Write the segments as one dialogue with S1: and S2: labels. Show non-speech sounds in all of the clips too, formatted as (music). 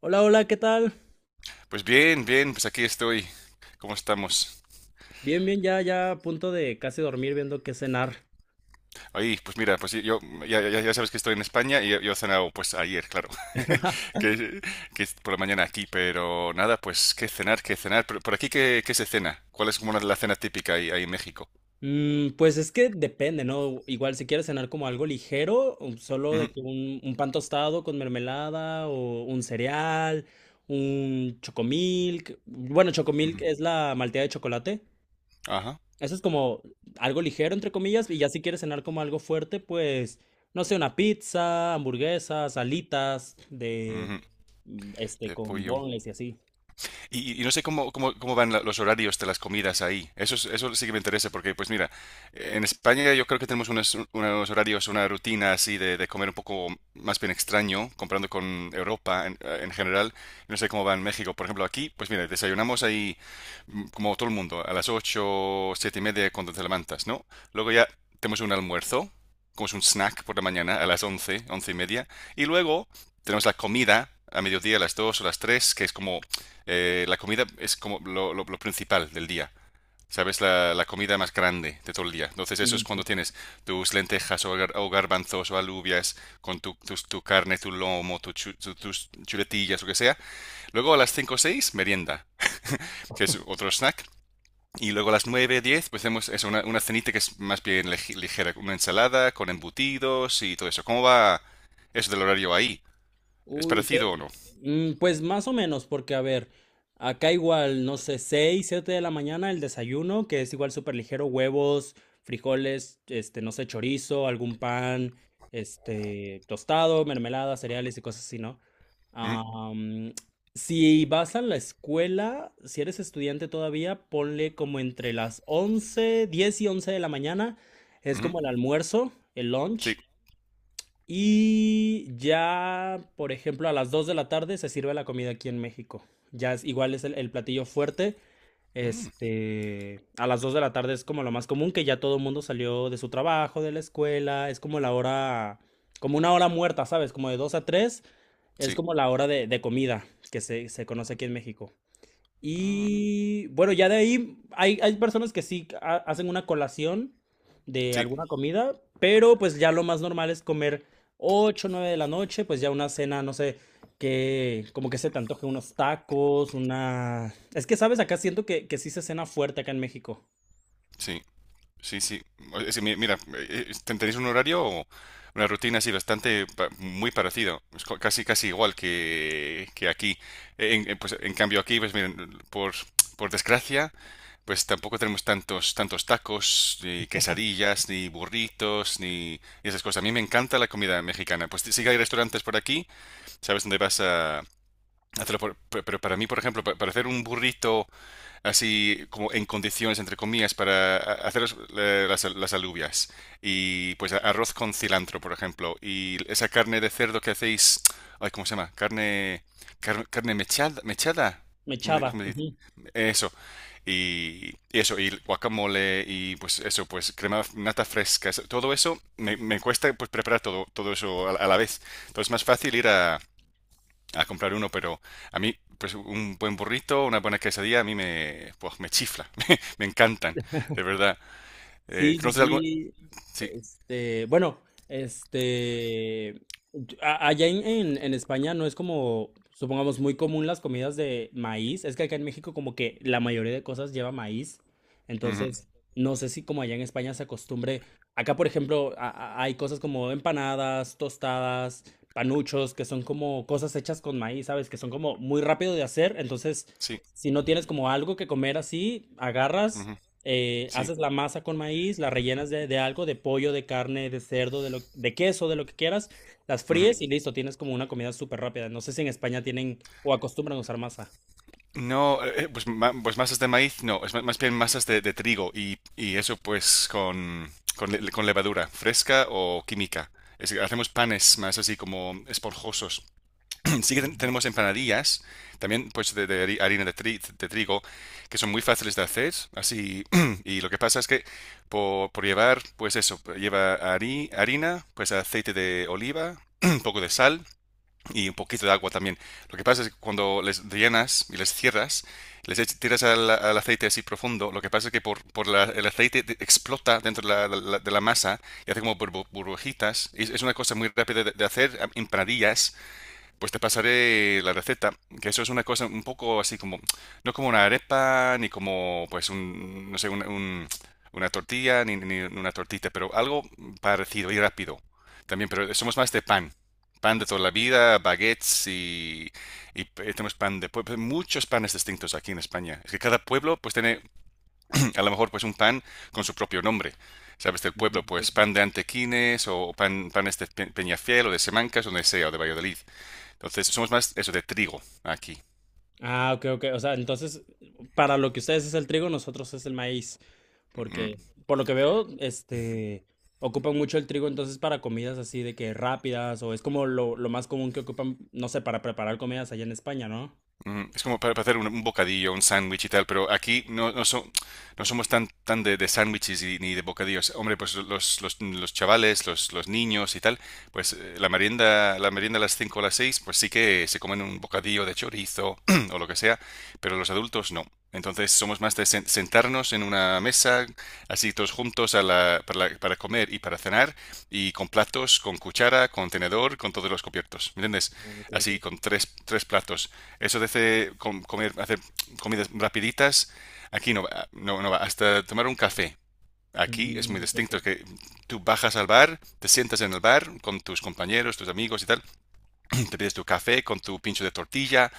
S1: Hola, hola, ¿qué tal?
S2: Pues bien, bien, pues aquí estoy. ¿Cómo estamos?
S1: Bien, bien, ya, ya a punto de casi dormir viendo qué cenar.
S2: Ahí, pues mira, pues yo ya sabes que estoy en España y yo he cenado pues ayer, claro, (laughs) que, que es por la mañana aquí, pero nada, pues qué cenar, qué cenar. Pero, por aquí, qué se cena? ¿Cuál es como la cena típica ahí, ahí en México?
S1: Pues es que depende, ¿no? Igual si quieres cenar como algo ligero, o solo
S2: Ujú,
S1: de que un pan tostado con mermelada o un cereal, un chocomilk. Bueno, chocomilk
S2: ujú.
S1: es la malteada de chocolate.
S2: Ajá,
S1: Eso es como algo ligero, entre comillas, y ya si quieres cenar como algo fuerte, pues, no sé, una pizza, hamburguesas, alitas de,
S2: ujú.
S1: este,
S2: De
S1: con
S2: pollo.
S1: boneless y así.
S2: Y no sé cómo van los horarios de las comidas ahí. Eso, eso sí que me interesa porque, pues mira, en España yo creo que tenemos unos horarios, una rutina así de comer un poco más bien extraño, comparando con Europa en general. No sé cómo va en México. Por ejemplo, aquí, pues mira, desayunamos ahí como todo el mundo, a las 8, 7:30 cuando te levantas, ¿no? Luego ya tenemos un almuerzo, como es un snack por la mañana a las 11, 11:30. Y luego tenemos la comida a mediodía, a las 2 o las 3, que es como la comida es como lo principal del día, ¿sabes? La comida más grande de todo el día. Entonces eso es cuando tienes tus lentejas o, o garbanzos o alubias con tu carne, tu lomo, tus chuletillas, lo que sea. Luego a las 5 o 6 merienda, que es otro snack. Y luego a las 9, 10 pues hacemos eso, una cenita que es más bien ligera, una ensalada con embutidos y todo eso. ¿Cómo va eso del horario ahí? ¿Es
S1: Uy,
S2: parecido o
S1: usted,
S2: no?
S1: pues más o menos, porque a ver, acá igual, no sé, 6 7 de la mañana el desayuno, que es igual súper ligero, huevos, frijoles, este, no sé, chorizo, algún pan, este, tostado, mermelada, cereales y cosas así, ¿no?
S2: Mm,
S1: Am, si vas a la escuela, si eres estudiante todavía, ponle como entre las 11 10 y 11 de la mañana, es
S2: ujú,
S1: como el almuerzo, el
S2: sí.
S1: lunch. Y ya, por ejemplo, a las 2 de la tarde se sirve la comida aquí en México. Ya es, igual es el platillo fuerte.
S2: Mm,
S1: Este, a las 2 de la tarde es como lo más común, que ya todo el mundo salió de su trabajo, de la escuela. Es como la hora, como una hora muerta, ¿sabes? Como de 2 a 3 es
S2: sí.
S1: como la hora de comida que se conoce aquí en México.
S2: Ah,
S1: Y bueno, ya de ahí hay personas que hacen una colación de
S2: sí.
S1: alguna comida, pero pues ya lo más normal es comer 8 9 de la noche, pues ya una cena, no sé, que como que se te antoje unos tacos, una... Es que, ¿sabes? Acá siento que sí se cena fuerte acá en México.
S2: Sí. Sí, sí. Mira, tenéis un horario o una rutina así muy parecido. Es casi casi igual que aquí. Pues, en cambio aquí, pues miren, por, por desgracia, pues tampoco tenemos tantos tantos tacos, ni quesadillas, ni burritos, ni esas cosas. A mí me encanta la comida mexicana. Pues sí sí que hay restaurantes por aquí, sabes dónde vas a hacerlo. Pero para mí, por ejemplo, para hacer un burrito así como en condiciones, entre comillas, hacer las alubias. Y pues arroz con cilantro, por ejemplo. Y esa carne de cerdo que hacéis, ay, ¿cómo se llama? Carne, carne mechada, mechada.
S1: Mechada.
S2: Cómo se dice? Eso. Y eso, y guacamole, y pues eso, pues crema nata fresca, todo eso me, me cuesta pues preparar todo, todo eso a la vez. Entonces es más fácil ir a comprar uno, pero a mí, pues un buen burrito, una buena quesadilla, a mí me, pues, me chifla, (laughs) me encantan, de verdad.
S1: Sí, sí,
S2: ¿Conoces algo?
S1: sí.
S2: Sí,
S1: Este, bueno, este, allá en, en España no es como, supongamos, muy común las comidas de maíz. Es que acá en México como que la mayoría de cosas lleva maíz.
S2: ujú,
S1: Entonces, no sé si como allá en España se acostumbre. Acá, por ejemplo, hay cosas como empanadas, tostadas, panuchos, que son como cosas hechas con maíz, ¿sabes? Que son como muy rápido de hacer. Entonces,
S2: sí,
S1: si no tienes como algo que comer así, agarras
S2: ujú, sí.
S1: haces la masa con maíz, la rellenas de algo, de pollo, de carne, de cerdo, de, de queso, de lo que quieras, las
S2: Ujú.
S1: fríes y listo, tienes como una comida súper rápida. No sé si en España tienen o acostumbran a usar masa.
S2: No, pues masas de maíz, no, más bien masas de trigo y eso pues con, con levadura, fresca o química. Hacemos panes más así como esponjosos. (laughs) Sí que tenemos empanadillas, también pues de harina de trigo, que son muy fáciles de hacer, así, (clears throat) y lo que pasa es que por llevar, pues eso, lleva harina, pues aceite de oliva, (clears throat) un poco de sal y un poquito de agua también. Lo que pasa es que cuando les llenas y les cierras, tiras al, al aceite así profundo, lo que pasa es que por, por el aceite explota dentro de la masa y hace como burbujitas. Es una cosa muy rápida de hacer, empanadillas pues te pasaré la receta, que eso es una cosa un poco así como, no como una arepa, ni como, pues, un, no sé, una tortilla, ni, ni una tortita, pero algo parecido y rápido. También, pero somos más de pan. Pan de toda la vida, baguettes y, tenemos pan de pueblo, muchos panes distintos aquí en España. Es que cada pueblo pues tiene (clears throat) a lo mejor pues un pan con su propio nombre. ¿Sabes? Del
S1: Ujú,
S2: pueblo,
S1: sí,
S2: pues
S1: sí.
S2: pan de Antequines o pan, panes de Peñafiel o de Semancas, o donde sea, o de Valladolid. Entonces, somos más eso de trigo aquí.
S1: Ah, ok, ok. O sea, entonces, para lo que ustedes es el trigo, nosotros es el maíz.
S2: Mm. Mm.
S1: Porque, por lo que veo, este, ocupan mucho el trigo entonces para comidas así de que rápidas o es como lo más común que ocupan, no sé, para preparar comidas allá en España, ¿no?
S2: Ujú. Es como para hacer un bocadillo, un sándwich y tal, pero aquí no, no, no somos tan, tan de sándwiches ni de bocadillos. Hombre, pues los chavales, los niños y tal, pues la merienda a las 5 o las 6 pues sí que se comen un bocadillo de chorizo (clears throat) o lo que sea, pero los adultos no. Entonces somos más de sentarnos en una mesa, así todos juntos a la- para comer y para cenar, y con platos, con cuchara, con tenedor, con todos los cubiertos, ¿me entiendes?
S1: Ah, ok, ok.
S2: Así, con tres, tres platos. Eso de hacer, comer, hacer comidas rapiditas, aquí no va, no, no va. Hasta tomar un café. Aquí es muy
S1: Mm, Ok,
S2: distinto,
S1: ok.
S2: es que tú bajas al bar, te sientas en el bar con tus compañeros, tus amigos y tal, (clears throat) te pides tu café con tu pincho de tortilla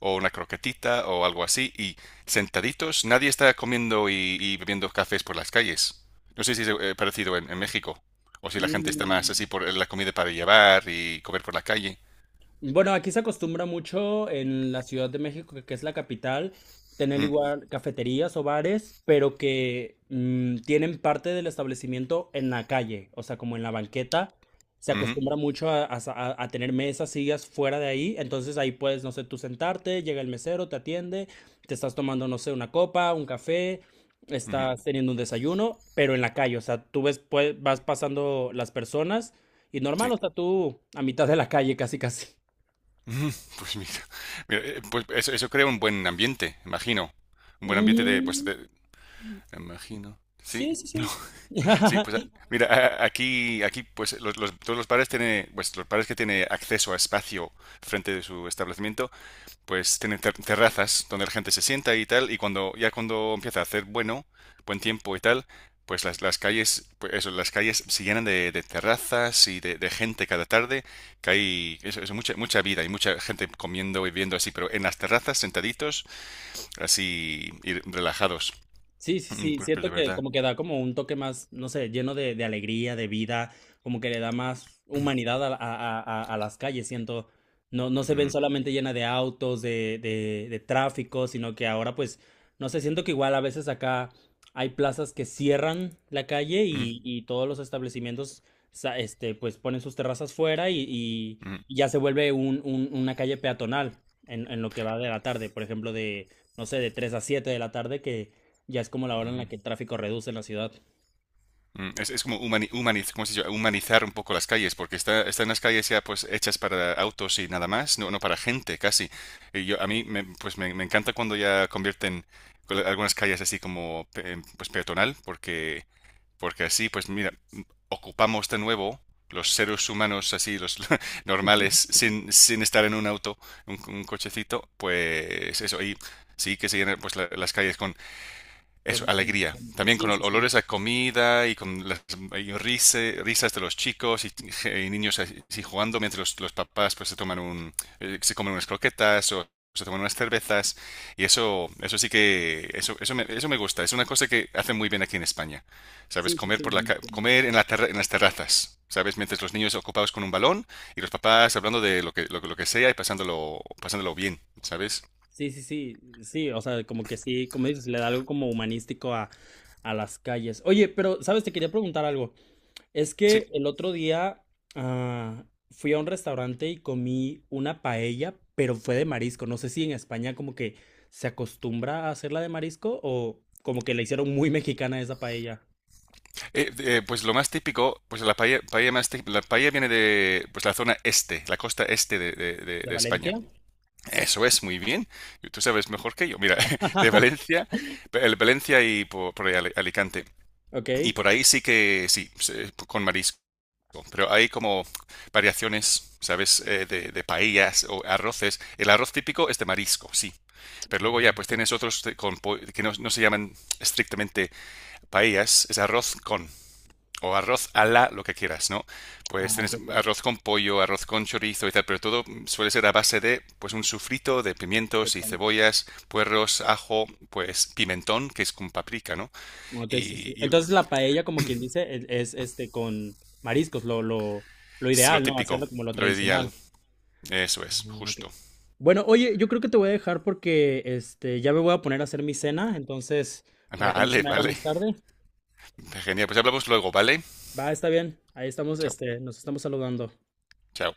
S2: o una croquetita o algo así y sentaditos, nadie está comiendo y bebiendo cafés por las calles. No sé si es parecido en México o si la gente está más así
S1: Mm.
S2: por la comida para llevar y comer por la calle.
S1: Bueno, aquí se acostumbra mucho en la Ciudad de México, que es la capital, tener
S2: Mm,
S1: igual cafeterías o bares, pero que tienen parte del establecimiento en la calle, o sea, como en la banqueta. Se
S2: ujú,
S1: acostumbra mucho a, a tener mesas, sillas fuera de ahí, entonces ahí puedes, no sé, tú sentarte, llega el mesero, te atiende, te estás tomando, no sé, una copa, un café,
S2: ujú,
S1: estás teniendo un desayuno, pero en la calle, o sea, tú ves, pues, vas pasando las personas y normal,
S2: sí.
S1: o sea, tú a mitad de la calle casi casi.
S2: Ujú, (laughs) pues mira, mira, pues eso crea un buen ambiente, imagino. Un buen ambiente de, pues,
S1: Mm,
S2: imagino. Sí,
S1: sí, sí,
S2: no.
S1: sí.
S2: (laughs) Sí, pues
S1: (laughs)
S2: mira, aquí, pues todos los bares tienen, pues los bares que tienen acceso a espacio frente de su establecimiento pues tienen terrazas donde la gente se sienta y tal, y cuando ya cuando empieza a hacer bueno, buen tiempo y tal, pues las calles, pues eso, las calles se llenan de terrazas y de gente cada tarde, que hay eso, eso, mucha vida y mucha gente comiendo y viendo así, pero en las terrazas sentaditos, así y relajados.
S1: Sí, sí,
S2: Mm,
S1: sí,
S2: pues, pues de
S1: siento que
S2: verdad.
S1: como que da como un toque más, no sé, lleno de alegría, de vida, como que le da más humanidad a las calles, siento, no, no se ven
S2: Mm,
S1: solamente llena de autos, de tráfico, sino que ahora pues, no sé, siento que igual a veces acá hay plazas que cierran la calle
S2: mm,
S1: y todos los establecimientos, este, pues ponen sus terrazas fuera y, y-
S2: mm,
S1: y ya se vuelve un, una calle peatonal en lo que va de la tarde, por ejemplo, de, no sé, de 3 a 7 de la tarde que ya es como la hora en la
S2: ujú.
S1: que el tráfico reduce en la ciudad.
S2: Mm, es como ¿cómo se dice? Humanizar un poco las calles, porque está, están las calles ya pues hechas para autos y nada más, no, no para gente casi. Y yo, a mí me, pues me encanta cuando ya convierten algunas calles así como pues peatonal, porque, porque así pues mira, ocupamos de nuevo los seres humanos así, los (laughs) normales, sin, sin estar en un auto, un cochecito, pues eso, y sí que se llenan pues las calles con eso,
S1: Con, con-
S2: alegría.
S1: con-
S2: También
S1: sí,
S2: con
S1: sí, sí.
S2: olores a comida y con las y risas de los chicos y niños así así jugando mientras los papás pues se toman un, se comen unas croquetas o se toman unas cervezas. Y eso sí que, eso, eso me gusta. Es una cosa que hacen muy bien aquí en España. ¿Sabes?
S1: Sí, sí,
S2: Comer
S1: sí,
S2: por
S1: me imagino.
S2: comer en en las terrazas. ¿Sabes? Mientras los niños ocupados con un balón y los papás hablando de lo que, lo que sea y pasándolo, pasándolo bien. ¿Sabes?
S1: Sí, sí, sí. Sí, o sea, como que sí, como dices, le da algo como humanístico a las calles. Oye, pero, ¿sabes? Te quería preguntar algo. Es
S2: Sí.
S1: que el otro día ah, fui a un restaurante y comí una paella, pero fue de marisco. No sé si en España como que se acostumbra a hacerla de marisco o como que la hicieron muy mexicana esa paella.
S2: Pues lo más típico, pues la paella, la paella viene de pues la zona este, la costa este
S1: ¿De
S2: de
S1: Valencia?
S2: España. Eso es, muy bien. Tú sabes mejor que yo. Mira, (laughs) de Valencia, el Valencia y por ahí Alicante.
S1: Ok.
S2: Y por ahí sí que, sí, con marisco. Pero hay como variaciones, ¿sabes? De paellas o arroces. El arroz típico es de marisco, sí. Pero
S1: Ah,
S2: luego ya, pues
S1: ok.
S2: tienes otros que no, no se llaman estrictamente paellas, es arroz con o arroz a la, lo que quieras, ¿no?
S1: Ah,
S2: Pues tienes
S1: ok,
S2: arroz con pollo, arroz con chorizo y tal, pero todo suele ser a base de, pues, un sufrito de pimientos y
S1: ok.
S2: cebollas, puerros, ajo, pues, pimentón, que es con paprika, ¿no?
S1: Ok, sí, sí.
S2: Y
S1: Entonces la paella, como quien dice, es este con mariscos, lo
S2: es lo
S1: ideal, ¿no?
S2: típico,
S1: Hacerlo como lo
S2: lo ideal,
S1: tradicional.
S2: eso es,
S1: Ah, ok.
S2: justo.
S1: Bueno, oye, yo creo que te voy a dejar porque este ya me voy a poner a hacer mi cena, entonces,
S2: (laughs)
S1: para que no se
S2: Vale,
S1: me haga
S2: vale,
S1: más tarde.
S2: genial, pues hablamos luego, ¿vale?
S1: Va, está bien. Ahí estamos,
S2: Chao,
S1: este, nos estamos saludando.
S2: chao.